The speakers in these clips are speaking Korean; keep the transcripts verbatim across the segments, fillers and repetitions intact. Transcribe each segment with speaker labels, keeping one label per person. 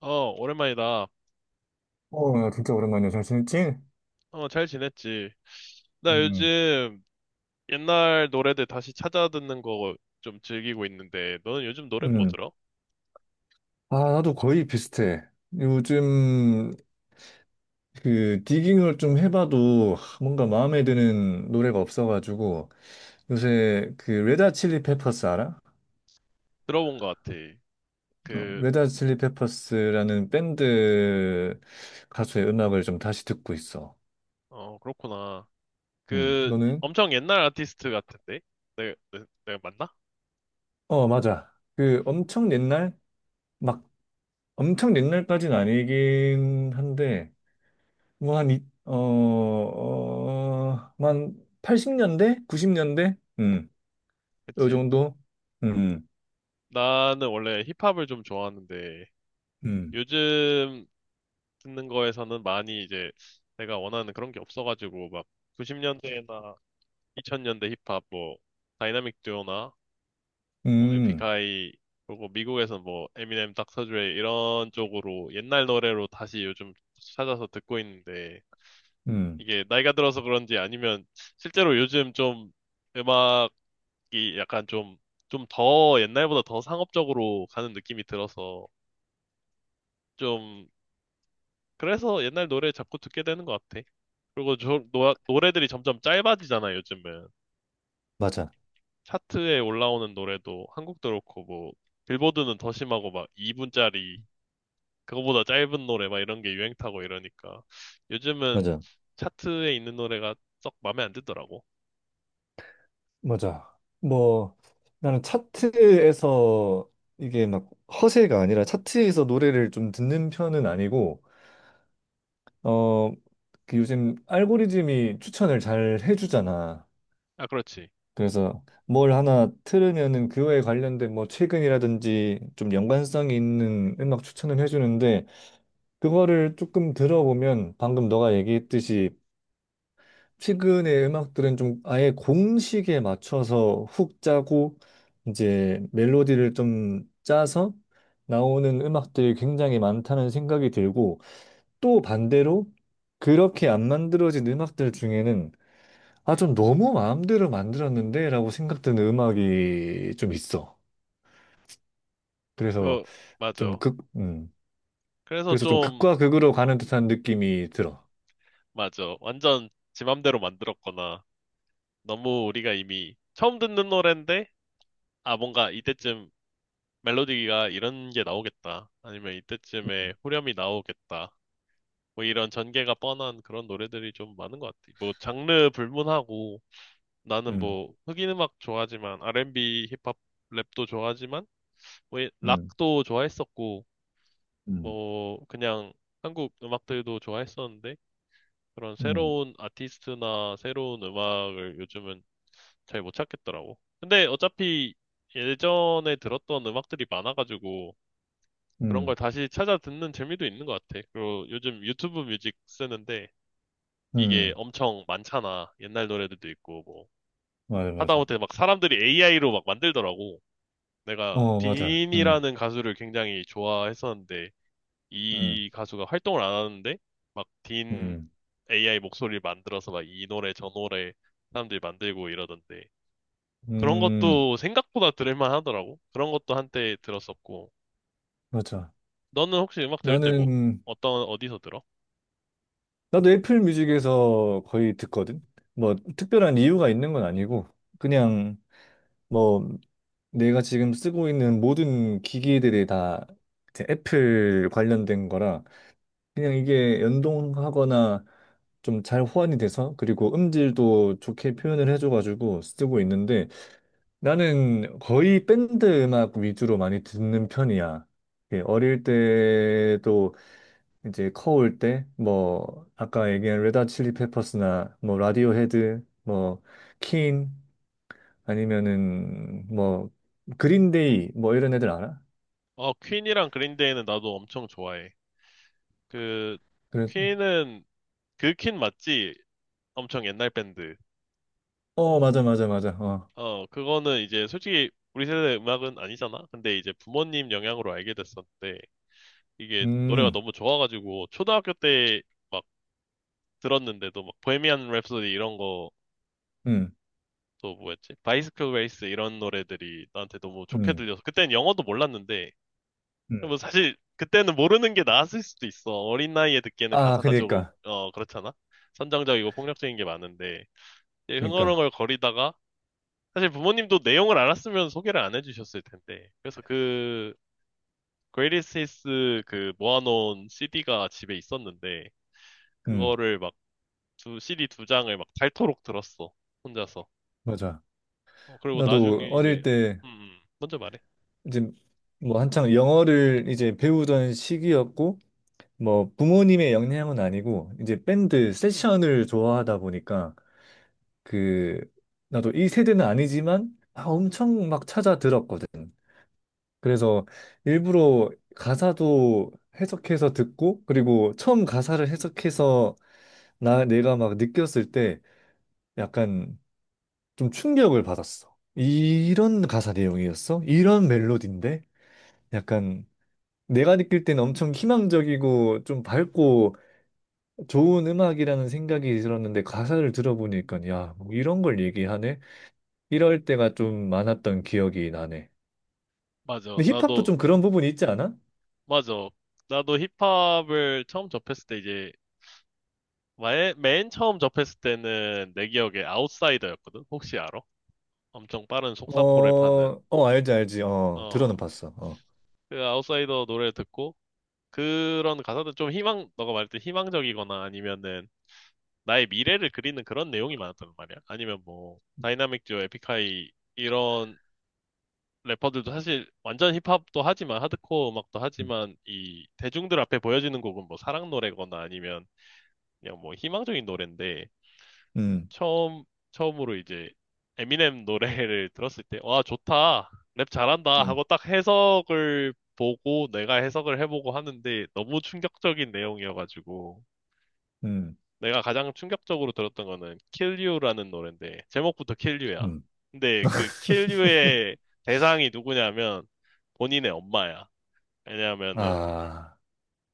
Speaker 1: 어, 오랜만이다.
Speaker 2: 어, 야, 진짜 오랜만이야. 잘 지냈지?
Speaker 1: 어, 잘 지냈지? 나
Speaker 2: 음,
Speaker 1: 요즘 옛날 노래들 다시 찾아 듣는 거 좀 즐기고 있는데, 너는 요즘 노래 뭐
Speaker 2: 음.
Speaker 1: 들어?
Speaker 2: 아, 나도 거의 비슷해. 요즘 그 디깅을 좀 해봐도 뭔가 마음에 드는 노래가 없어가지고 요새 그 레다 칠리 페퍼스 알아?
Speaker 1: 들어본 것 같아.
Speaker 2: 어,
Speaker 1: 그,
Speaker 2: 레다 칠리 페퍼스라는 밴드 가수의 음악을 좀 다시 듣고 있어.
Speaker 1: 어, 그렇구나.
Speaker 2: 음,
Speaker 1: 그,
Speaker 2: 너는?
Speaker 1: 엄청 옛날 아티스트 같은데? 내가, 내- 내가 맞나?
Speaker 2: 어, 맞아. 그 엄청 옛날? 막 엄청 옛날까지는 아니긴 한데 뭐 한, 이- 어, 어, 뭐한 팔십 년대? 구십 년대? 음, 요
Speaker 1: 그치?
Speaker 2: 정도? 음,
Speaker 1: 나는 원래 힙합을 좀 좋아하는데
Speaker 2: 음,
Speaker 1: 요즘 듣는 거에서는 많이 이제 내가 원하는 그런 게 없어가지고 막 구십 년대나 이천 년대 힙합 뭐 다이나믹 듀오나 뭐
Speaker 2: 음,
Speaker 1: 에픽하이 그리고 미국에서 뭐 에미넴, 닥터 드레 이런 쪽으로 옛날 노래로 다시 요즘 찾아서 듣고 있는데
Speaker 2: 음,
Speaker 1: 이게 나이가 들어서 그런지 아니면 실제로 요즘 좀 음악이 약간 좀 좀 더 옛날보다 더 상업적으로 가는 느낌이 들어서 좀 그래서 옛날 노래 자꾸 듣게 되는 것 같아. 그리고 저, 노, 노래들이 점점 짧아지잖아, 요즘은.
Speaker 2: 맞아,
Speaker 1: 차트에 올라오는 노래도 한국도 그렇고, 뭐, 빌보드는 더 심하고, 막 이 분짜리, 그거보다 짧은 노래, 막 이런 게 유행 타고 이러니까. 요즘은
Speaker 2: 맞아.
Speaker 1: 차트에 있는 노래가 썩 마음에 안 들더라고.
Speaker 2: 맞아. 뭐 나는 차트에서 이게 막 허세가 아니라 차트에서 노래를 좀 듣는 편은 아니고 어 그 요즘 알고리즘이 추천을 잘 해주잖아.
Speaker 1: 아, 그렇지.
Speaker 2: 그래서 뭘 하나 틀으면은 그거에 관련된 뭐 최근이라든지 좀 연관성이 있는 음악 추천을 해주는데 그거를 조금 들어보면 방금 너가 얘기했듯이 최근의 음악들은 좀 아예 공식에 맞춰서 훅 짜고 이제 멜로디를 좀 짜서 나오는 음악들이 굉장히 많다는 생각이 들고 또 반대로 그렇게 안 만들어진 음악들 중에는 아, 좀 너무 마음대로 만들었는데? 라고 생각드는 음악이 좀 있어. 그래서
Speaker 1: 그,
Speaker 2: 좀
Speaker 1: 맞아.
Speaker 2: 극, 음.
Speaker 1: 그래서
Speaker 2: 그래서 좀
Speaker 1: 좀,
Speaker 2: 극과 극으로 가는 듯한 느낌이 들어.
Speaker 1: 맞아. 완전 지 맘대로 만들었거나, 너무 우리가 이미 처음 듣는 노랜데, 아, 뭔가 이때쯤 멜로디가 이런 게 나오겠다. 아니면 이때쯤에 후렴이 나오겠다. 뭐 이런 전개가 뻔한 그런 노래들이 좀 많은 것 같아. 뭐 장르 불문하고 나는
Speaker 2: 음,
Speaker 1: 뭐 흑인 음악 좋아하지만 알앤비, 힙합, 랩도 좋아하지만 뭐 이-
Speaker 2: 음,
Speaker 1: 락도 좋아했었고
Speaker 2: 음,
Speaker 1: 뭐 그냥 한국 음악들도 좋아했었는데 그런
Speaker 2: 음,
Speaker 1: 새로운 아티스트나 새로운 음악을 요즘은 잘 못 찾겠더라고. 근데 어차피 예전에 들었던 음악들이 많아가지고 그런 걸
Speaker 2: 음,
Speaker 1: 다시 찾아 듣는 재미도 있는 것 같아. 그리고 요즘 유튜브 뮤직 쓰는데 이게
Speaker 2: 음.
Speaker 1: 엄청 많잖아. 옛날 노래들도 있고 뭐
Speaker 2: 맞아, 맞아.
Speaker 1: 하다못해 막 사람들이 에이아이로 막 만들더라고. 내가
Speaker 2: 어, 맞아. 음,
Speaker 1: 딘이라는 가수를 굉장히 좋아했었는데
Speaker 2: 음,
Speaker 1: 이 가수가 활동을 안 하는데 막 딘
Speaker 2: 음,
Speaker 1: 에이아이 목소리를 만들어서 막 이 노래 저 노래 사람들이 만들고 이러던데 그런
Speaker 2: 음,
Speaker 1: 것도 생각보다 들을만 하더라고. 그런 것도 한때 들었었고.
Speaker 2: 맞아.
Speaker 1: 너는 혹시 음악 들을 때 뭐
Speaker 2: 나는,
Speaker 1: 어떤 어디서 들어?
Speaker 2: 나도 애플 뮤직에서 거의 듣거든? 뭐, 특별한 이유가 있는 건 아니고, 그냥, 뭐, 내가 지금 쓰고 있는 모든 기기들이 다 이제 애플 관련된 거라 그냥 이게 연동하거나 좀 잘 호환이 돼서 그리고 음질도 좋게 표현을 해줘가지고 쓰고 있는데 나는 거의 밴드 음악 위주로 많이 듣는 편이야. 예, 어릴 때도 이제 커올 때 뭐 아까 얘기한 레드 칠리 페퍼스나 뭐 라디오헤드 뭐퀸 아니면은 뭐 그린데이 뭐 이런 애들 알아?
Speaker 1: 어, 퀸이랑 그린데이는 나도 엄청 좋아해. 그,
Speaker 2: 그래.
Speaker 1: 퀸은, 그 퀸 맞지? 엄청 옛날 밴드.
Speaker 2: 어, 맞아 맞아 맞아. 어.
Speaker 1: 어, 그거는 이제 솔직히 우리 세대 음악은 아니잖아? 근데 이제 부모님 영향으로 알게 됐었는데, 이게 노래가
Speaker 2: 음.
Speaker 1: 너무 좋아가지고, 초등학교 때 막 들었는데도 막 보헤미안 랩소디 이런 거,
Speaker 2: 음.
Speaker 1: 또 뭐였지? 바이스클 레이스 이런 노래들이 나한테 너무 좋게
Speaker 2: 음.
Speaker 1: 들려서, 그땐 영어도 몰랐는데,
Speaker 2: 음.
Speaker 1: 뭐 사실 그때는 모르는 게 나았을 수도 있어. 어린 나이에 듣기에는
Speaker 2: 아,
Speaker 1: 가사가 조금
Speaker 2: 그니까.
Speaker 1: 어 그렇잖아. 선정적이고 폭력적인 게 많은데 이제
Speaker 2: 그니까.
Speaker 1: 흥얼흥얼 거리다가 사실 부모님도 내용을 알았으면 소개를 안 해주셨을 텐데. 그래서 그 Greatest Hits 그 모아놓은 씨디가 집에 있었는데
Speaker 2: 음.
Speaker 1: 그거를 막 두, 씨디 두 장을 막 닳도록 들었어. 혼자서.
Speaker 2: 맞아.
Speaker 1: 어, 그리고
Speaker 2: 나도
Speaker 1: 나중에 이제
Speaker 2: 어릴 때
Speaker 1: 음, 음. 먼저 말해.
Speaker 2: 이제 뭐 한창 영어를 이제 배우던 시기였고 뭐 부모님의 영향은 아니고 이제 밴드 세션을 좋아하다 보니까 그 나도 이 세대는 아니지만 아, 엄청 막 찾아 들었거든. 그래서 일부러 가사도 해석해서 듣고 그리고 처음 가사를 해석해서 나 내가 막 느꼈을 때 약간 좀 충격을 받았어. 이런 가사 내용이었어? 이런 멜로디인데? 약간 내가 느낄 때는 엄청 희망적이고 좀 밝고 좋은 음악이라는 생각이 들었는데 가사를 들어보니까 야, 뭐 이런 걸 얘기하네? 이럴 때가 좀 많았던 기억이 나네.
Speaker 1: 맞아.
Speaker 2: 근데 힙합도
Speaker 1: 나도
Speaker 2: 좀 그런 부분이 있지 않아?
Speaker 1: 맞아. 나도 힙합을 처음 접했을 때 이제 말- 맨 처음 접했을 때는 내 기억에 아웃사이더였거든? 혹시 알아? 엄청 빠른 속사포를 파는.
Speaker 2: 어, 어, 알지, 알지. 어, 들어는
Speaker 1: 어,
Speaker 2: 봤어. 어.
Speaker 1: 그 아웃사이더 노래 듣고, 그런 가사들 좀 희망, 너가 말했듯 희망적이거나 아니면은 나의 미래를 그리는 그런 내용이 많았단 말이야. 아니면 뭐, 다이나믹 듀오, 에픽하이, 이런 래퍼들도 사실 완전 힙합도 하지만, 하드코어 음악도 하지만, 이 대중들 앞에 보여지는 곡은 뭐 사랑 노래거나 아니면 그냥 뭐 희망적인 노래인데,
Speaker 2: 음,
Speaker 1: 처음, 처음으로 이제 에미넴 노래를 들었을 때, 와, 좋다. 랩 잘한다.
Speaker 2: 음,
Speaker 1: 하고 딱 해석을 보고 내가 해석을 해보고 하는데 너무 충격적인 내용이어가지고
Speaker 2: 음,
Speaker 1: 내가 가장 충격적으로 들었던 거는 Kill You라는 노래인데 제목부터 Kill You야.
Speaker 2: 음.
Speaker 1: 근데 그 Kill You의 대상이 누구냐면 본인의 엄마야. 왜냐하면은
Speaker 2: 아,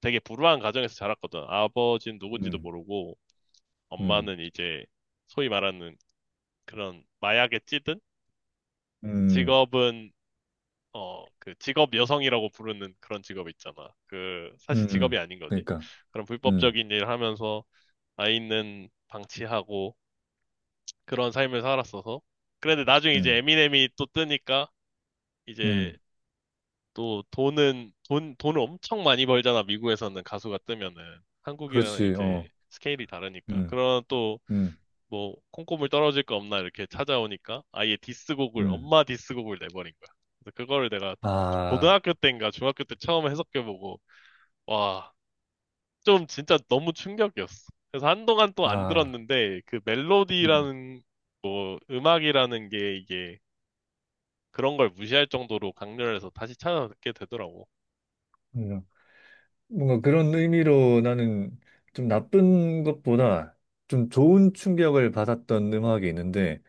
Speaker 1: 되게 불우한 가정에서 자랐거든. 아버지는 누군지도
Speaker 2: 음,
Speaker 1: 모르고
Speaker 2: 음,
Speaker 1: 엄마는 이제 소위 말하는 그런 마약에 찌든
Speaker 2: 음,
Speaker 1: 직업은 어, 그 직업 여성이라고 부르는 그런 직업 있잖아. 그 사실 직업이
Speaker 2: 음.
Speaker 1: 아닌 거지.
Speaker 2: 그러니까,
Speaker 1: 그런
Speaker 2: 음,
Speaker 1: 불법적인 일을 하면서 아이는 방치하고 그런 삶을 살았어서. 그런데 나중에 이제
Speaker 2: 음,
Speaker 1: 에미넴이 또 뜨니까 이제
Speaker 2: 음.
Speaker 1: 또 돈은 돈 돈을 엄청 많이 벌잖아. 미국에서는 가수가 뜨면은 한국이랑
Speaker 2: 그렇지,
Speaker 1: 이제
Speaker 2: 어,
Speaker 1: 스케일이 다르니까.
Speaker 2: 음,
Speaker 1: 그런 또
Speaker 2: 음,
Speaker 1: 뭐 콩고물 떨어질 거 없나 이렇게 찾아오니까 아예 디스곡을
Speaker 2: 음.
Speaker 1: 엄마 디스곡을 내버린 거야. 그래서 그거를 내가
Speaker 2: 아,
Speaker 1: 고등학교 때인가 중학교 때 처음 해석해보고 와 좀 진짜 너무 충격이었어. 그래서 한동안 또 안
Speaker 2: 아,
Speaker 1: 들었는데 그
Speaker 2: 음,
Speaker 1: 멜로디라는 뭐 음악이라는 게 이게 그런 걸 무시할 정도로 강렬해서 다시 찾아 듣게 되더라고.
Speaker 2: 음. 뭔가 그런 의미로 나는 좀 나쁜 것보다 좀 좋은 충격을 받았던 음악이 있는데,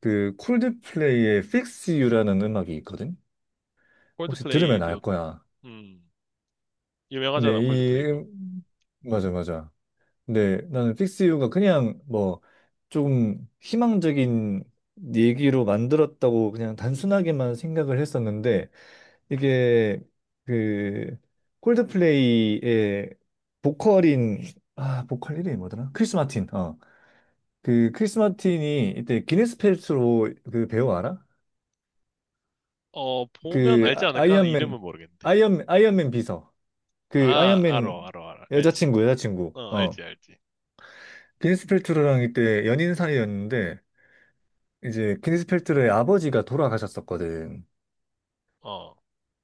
Speaker 2: 그 콜드플레이의 Fix You라는 음악이 있거든? 혹시 들으면 알
Speaker 1: 콜드플레이도
Speaker 2: 거야.
Speaker 1: 음 유명하잖아
Speaker 2: 근데 이,
Speaker 1: 콜드플레이도.
Speaker 2: 음, 음. 맞아, 맞아. 근데 나는 픽스 유가 그냥 뭐 조금 희망적인 얘기로 만들었다고 그냥 단순하게만 생각을 했었는데 이게 그 콜드플레이의 보컬인 아 보컬 이름이 뭐더라? 크리스 마틴. 어. 그 크리스 마틴이 이때 기네스 펠트로 그 배우 알아?
Speaker 1: 어 보면
Speaker 2: 그
Speaker 1: 알지
Speaker 2: 아-
Speaker 1: 않을까? 이름은
Speaker 2: 아이언맨
Speaker 1: 모르겠는데.
Speaker 2: 아이언 아이언맨 비서. 그
Speaker 1: 아
Speaker 2: 아이언맨
Speaker 1: 알어 알어 알어 알지.
Speaker 2: 여자친구 여자친구
Speaker 1: 어
Speaker 2: 어
Speaker 1: 알지 알지.
Speaker 2: 비니스 펠트로랑 이때 연인 사이였는데 이제 비니스 펠트로의 아버지가 돌아가셨었거든.
Speaker 1: 어,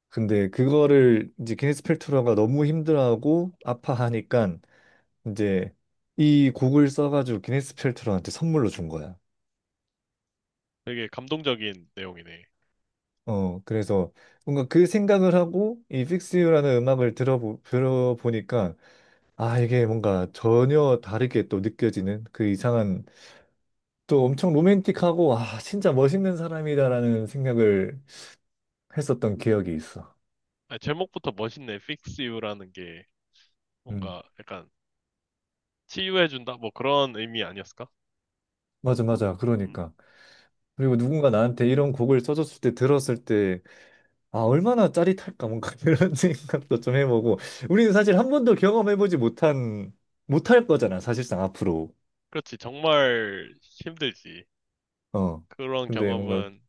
Speaker 2: 근데 그거를 이제 비니스 펠트로가 너무 힘들어하고 아파하니까 이제 이 곡을 써가지고 기네스 펠트로한테 선물로 준 거야.
Speaker 1: 되게 감동적인 내용이네.
Speaker 2: 어 그래서 뭔가 그 생각을 하고 이 Fix You라는 음악을 들어보, 들어보니까 아 이게 뭔가 전혀 다르게 또 느껴지는 그 이상한 또 엄청 로맨틱하고, 아, 진짜 멋있는 사람이다라는 생각을 했었던 기억이 있어.
Speaker 1: 아, 제목부터 멋있네. Fix You라는 게
Speaker 2: 음,
Speaker 1: 뭔가 약간 치유해준다? 뭐 그런 의미 아니었을까?
Speaker 2: 맞아, 맞아.
Speaker 1: 음.
Speaker 2: 그러니까. 그리고 누군가 나한테 이런 곡을 써줬을 때 들었을 때, 아, 얼마나 짜릿할까, 뭔가 이런 생각도 좀 해보고. 우리는 사실 한 번도 경험해보지 못한, 못할 거잖아, 사실상 앞으로.
Speaker 1: 그렇지. 정말 힘들지.
Speaker 2: 어.
Speaker 1: 그런
Speaker 2: 근데 뭔가,
Speaker 1: 경험은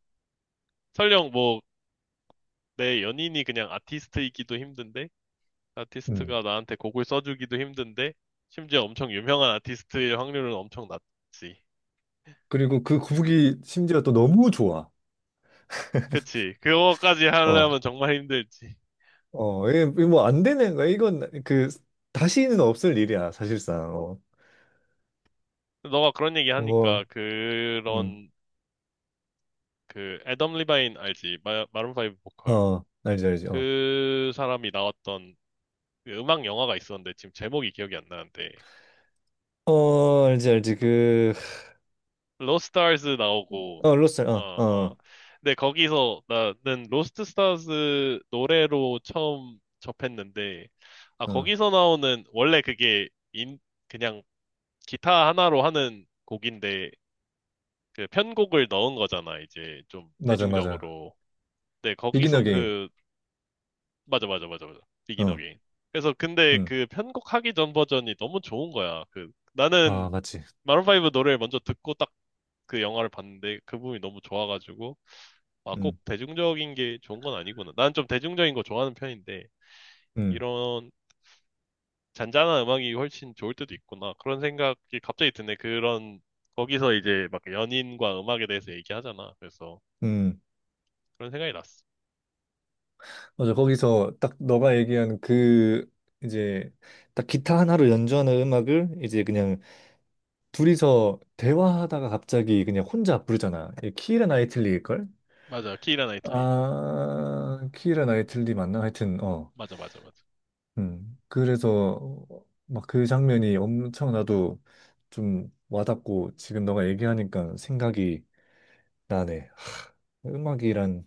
Speaker 1: 설령 뭐 내 연인이 그냥 아티스트이기도 힘든데,
Speaker 2: 음.
Speaker 1: 아티스트가 나한테 곡을 써주기도 힘든데, 심지어 엄청 유명한 아티스트일 확률은 엄청 낮지.
Speaker 2: 그리고 그 곡이 심지어 또 너무 좋아.
Speaker 1: 그치. 그거까지
Speaker 2: 어,
Speaker 1: 하려면 정말 힘들지.
Speaker 2: 어, 이게 뭐안 되는 거야. 이건 그, 다시는 없을 일이야, 사실상. 어.
Speaker 1: 너가 그런 얘기 하니까
Speaker 2: 뭐 음.
Speaker 1: 그런 그 애덤 리바인 알지? 마, 마룬 파이브 보컬.
Speaker 2: 어, 알지, 알지, 어.
Speaker 1: 그 사람이 나왔던 그 음악 영화가 있었는데 지금 제목이 기억이 안 나는데
Speaker 2: 어, 알지, 알지, 그,
Speaker 1: 로스트 스타즈 나오고
Speaker 2: 어, 로스,
Speaker 1: 어
Speaker 2: 어, 어,
Speaker 1: 어.
Speaker 2: 어,
Speaker 1: 근데 거기서 나는 로스트 스타즈 노래로 처음 접했는데 아
Speaker 2: 어.
Speaker 1: 거기서 나오는 원래 그게 인 그냥 기타 하나로 하는 곡인데 그 편곡을 넣은 거잖아 이제 좀
Speaker 2: 맞아, 맞아.
Speaker 1: 대중적으로. 근데
Speaker 2: 비긴
Speaker 1: 거기서
Speaker 2: 어게인,
Speaker 1: 그 맞아, 맞아, 맞아, 맞아. 비긴
Speaker 2: 어,
Speaker 1: 어게인. 그래서 근데
Speaker 2: 응
Speaker 1: 그 편곡하기 전 버전이 너무 좋은 거야. 그 나는
Speaker 2: 아, 맞지.
Speaker 1: 마룬 파이브 노래를 먼저 듣고 딱 그 영화를 봤는데 그 부분이 너무 좋아가지고 아
Speaker 2: 응
Speaker 1: 꼭 대중적인 게 좋은 건 아니구나. 난 좀 대중적인 거 좋아하는 편인데
Speaker 2: 응
Speaker 1: 이런 잔잔한 음악이 훨씬 좋을 때도 있구나. 그런 생각이 갑자기 드네. 그런 거기서 이제 막 연인과 음악에 대해서 얘기하잖아. 그래서
Speaker 2: 응
Speaker 1: 그런 생각이 났어.
Speaker 2: 맞아, 거기서 딱 너가 얘기한 그, 이제, 딱 기타 하나로 연주하는 음악을 이제 그냥 둘이서 대화하다가 갑자기 그냥 혼자 부르잖아. 이 키라 나이틀리일걸?
Speaker 1: 맞아, 키이라 나이틀리.
Speaker 2: 아, 키라 나이틀리 맞나? 하여튼, 어.
Speaker 1: 맞아, 맞아, 맞아.
Speaker 2: 음, 그래서 막 그 장면이 엄청 나도 좀 와닿고 지금 너가 얘기하니까 생각이 나네. 음악이란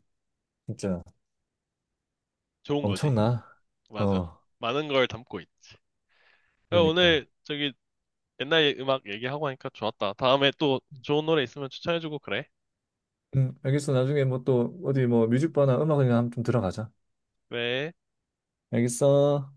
Speaker 2: 진짜
Speaker 1: 좋은 거지.
Speaker 2: 엄청나.
Speaker 1: 맞아.
Speaker 2: 어,
Speaker 1: 많은 걸 담고 있지. 야,
Speaker 2: 그러니까.
Speaker 1: 오늘 저기 옛날 예- 음악 얘기하고 하니까 좋았다. 다음에 또 좋은 노래 있으면 추천해주고 그래.
Speaker 2: 음, 알겠어. 나중에 뭐 또 어디 뭐 뮤직바나 음악이나 한번 좀 들어가자.
Speaker 1: 그래.
Speaker 2: 알겠어.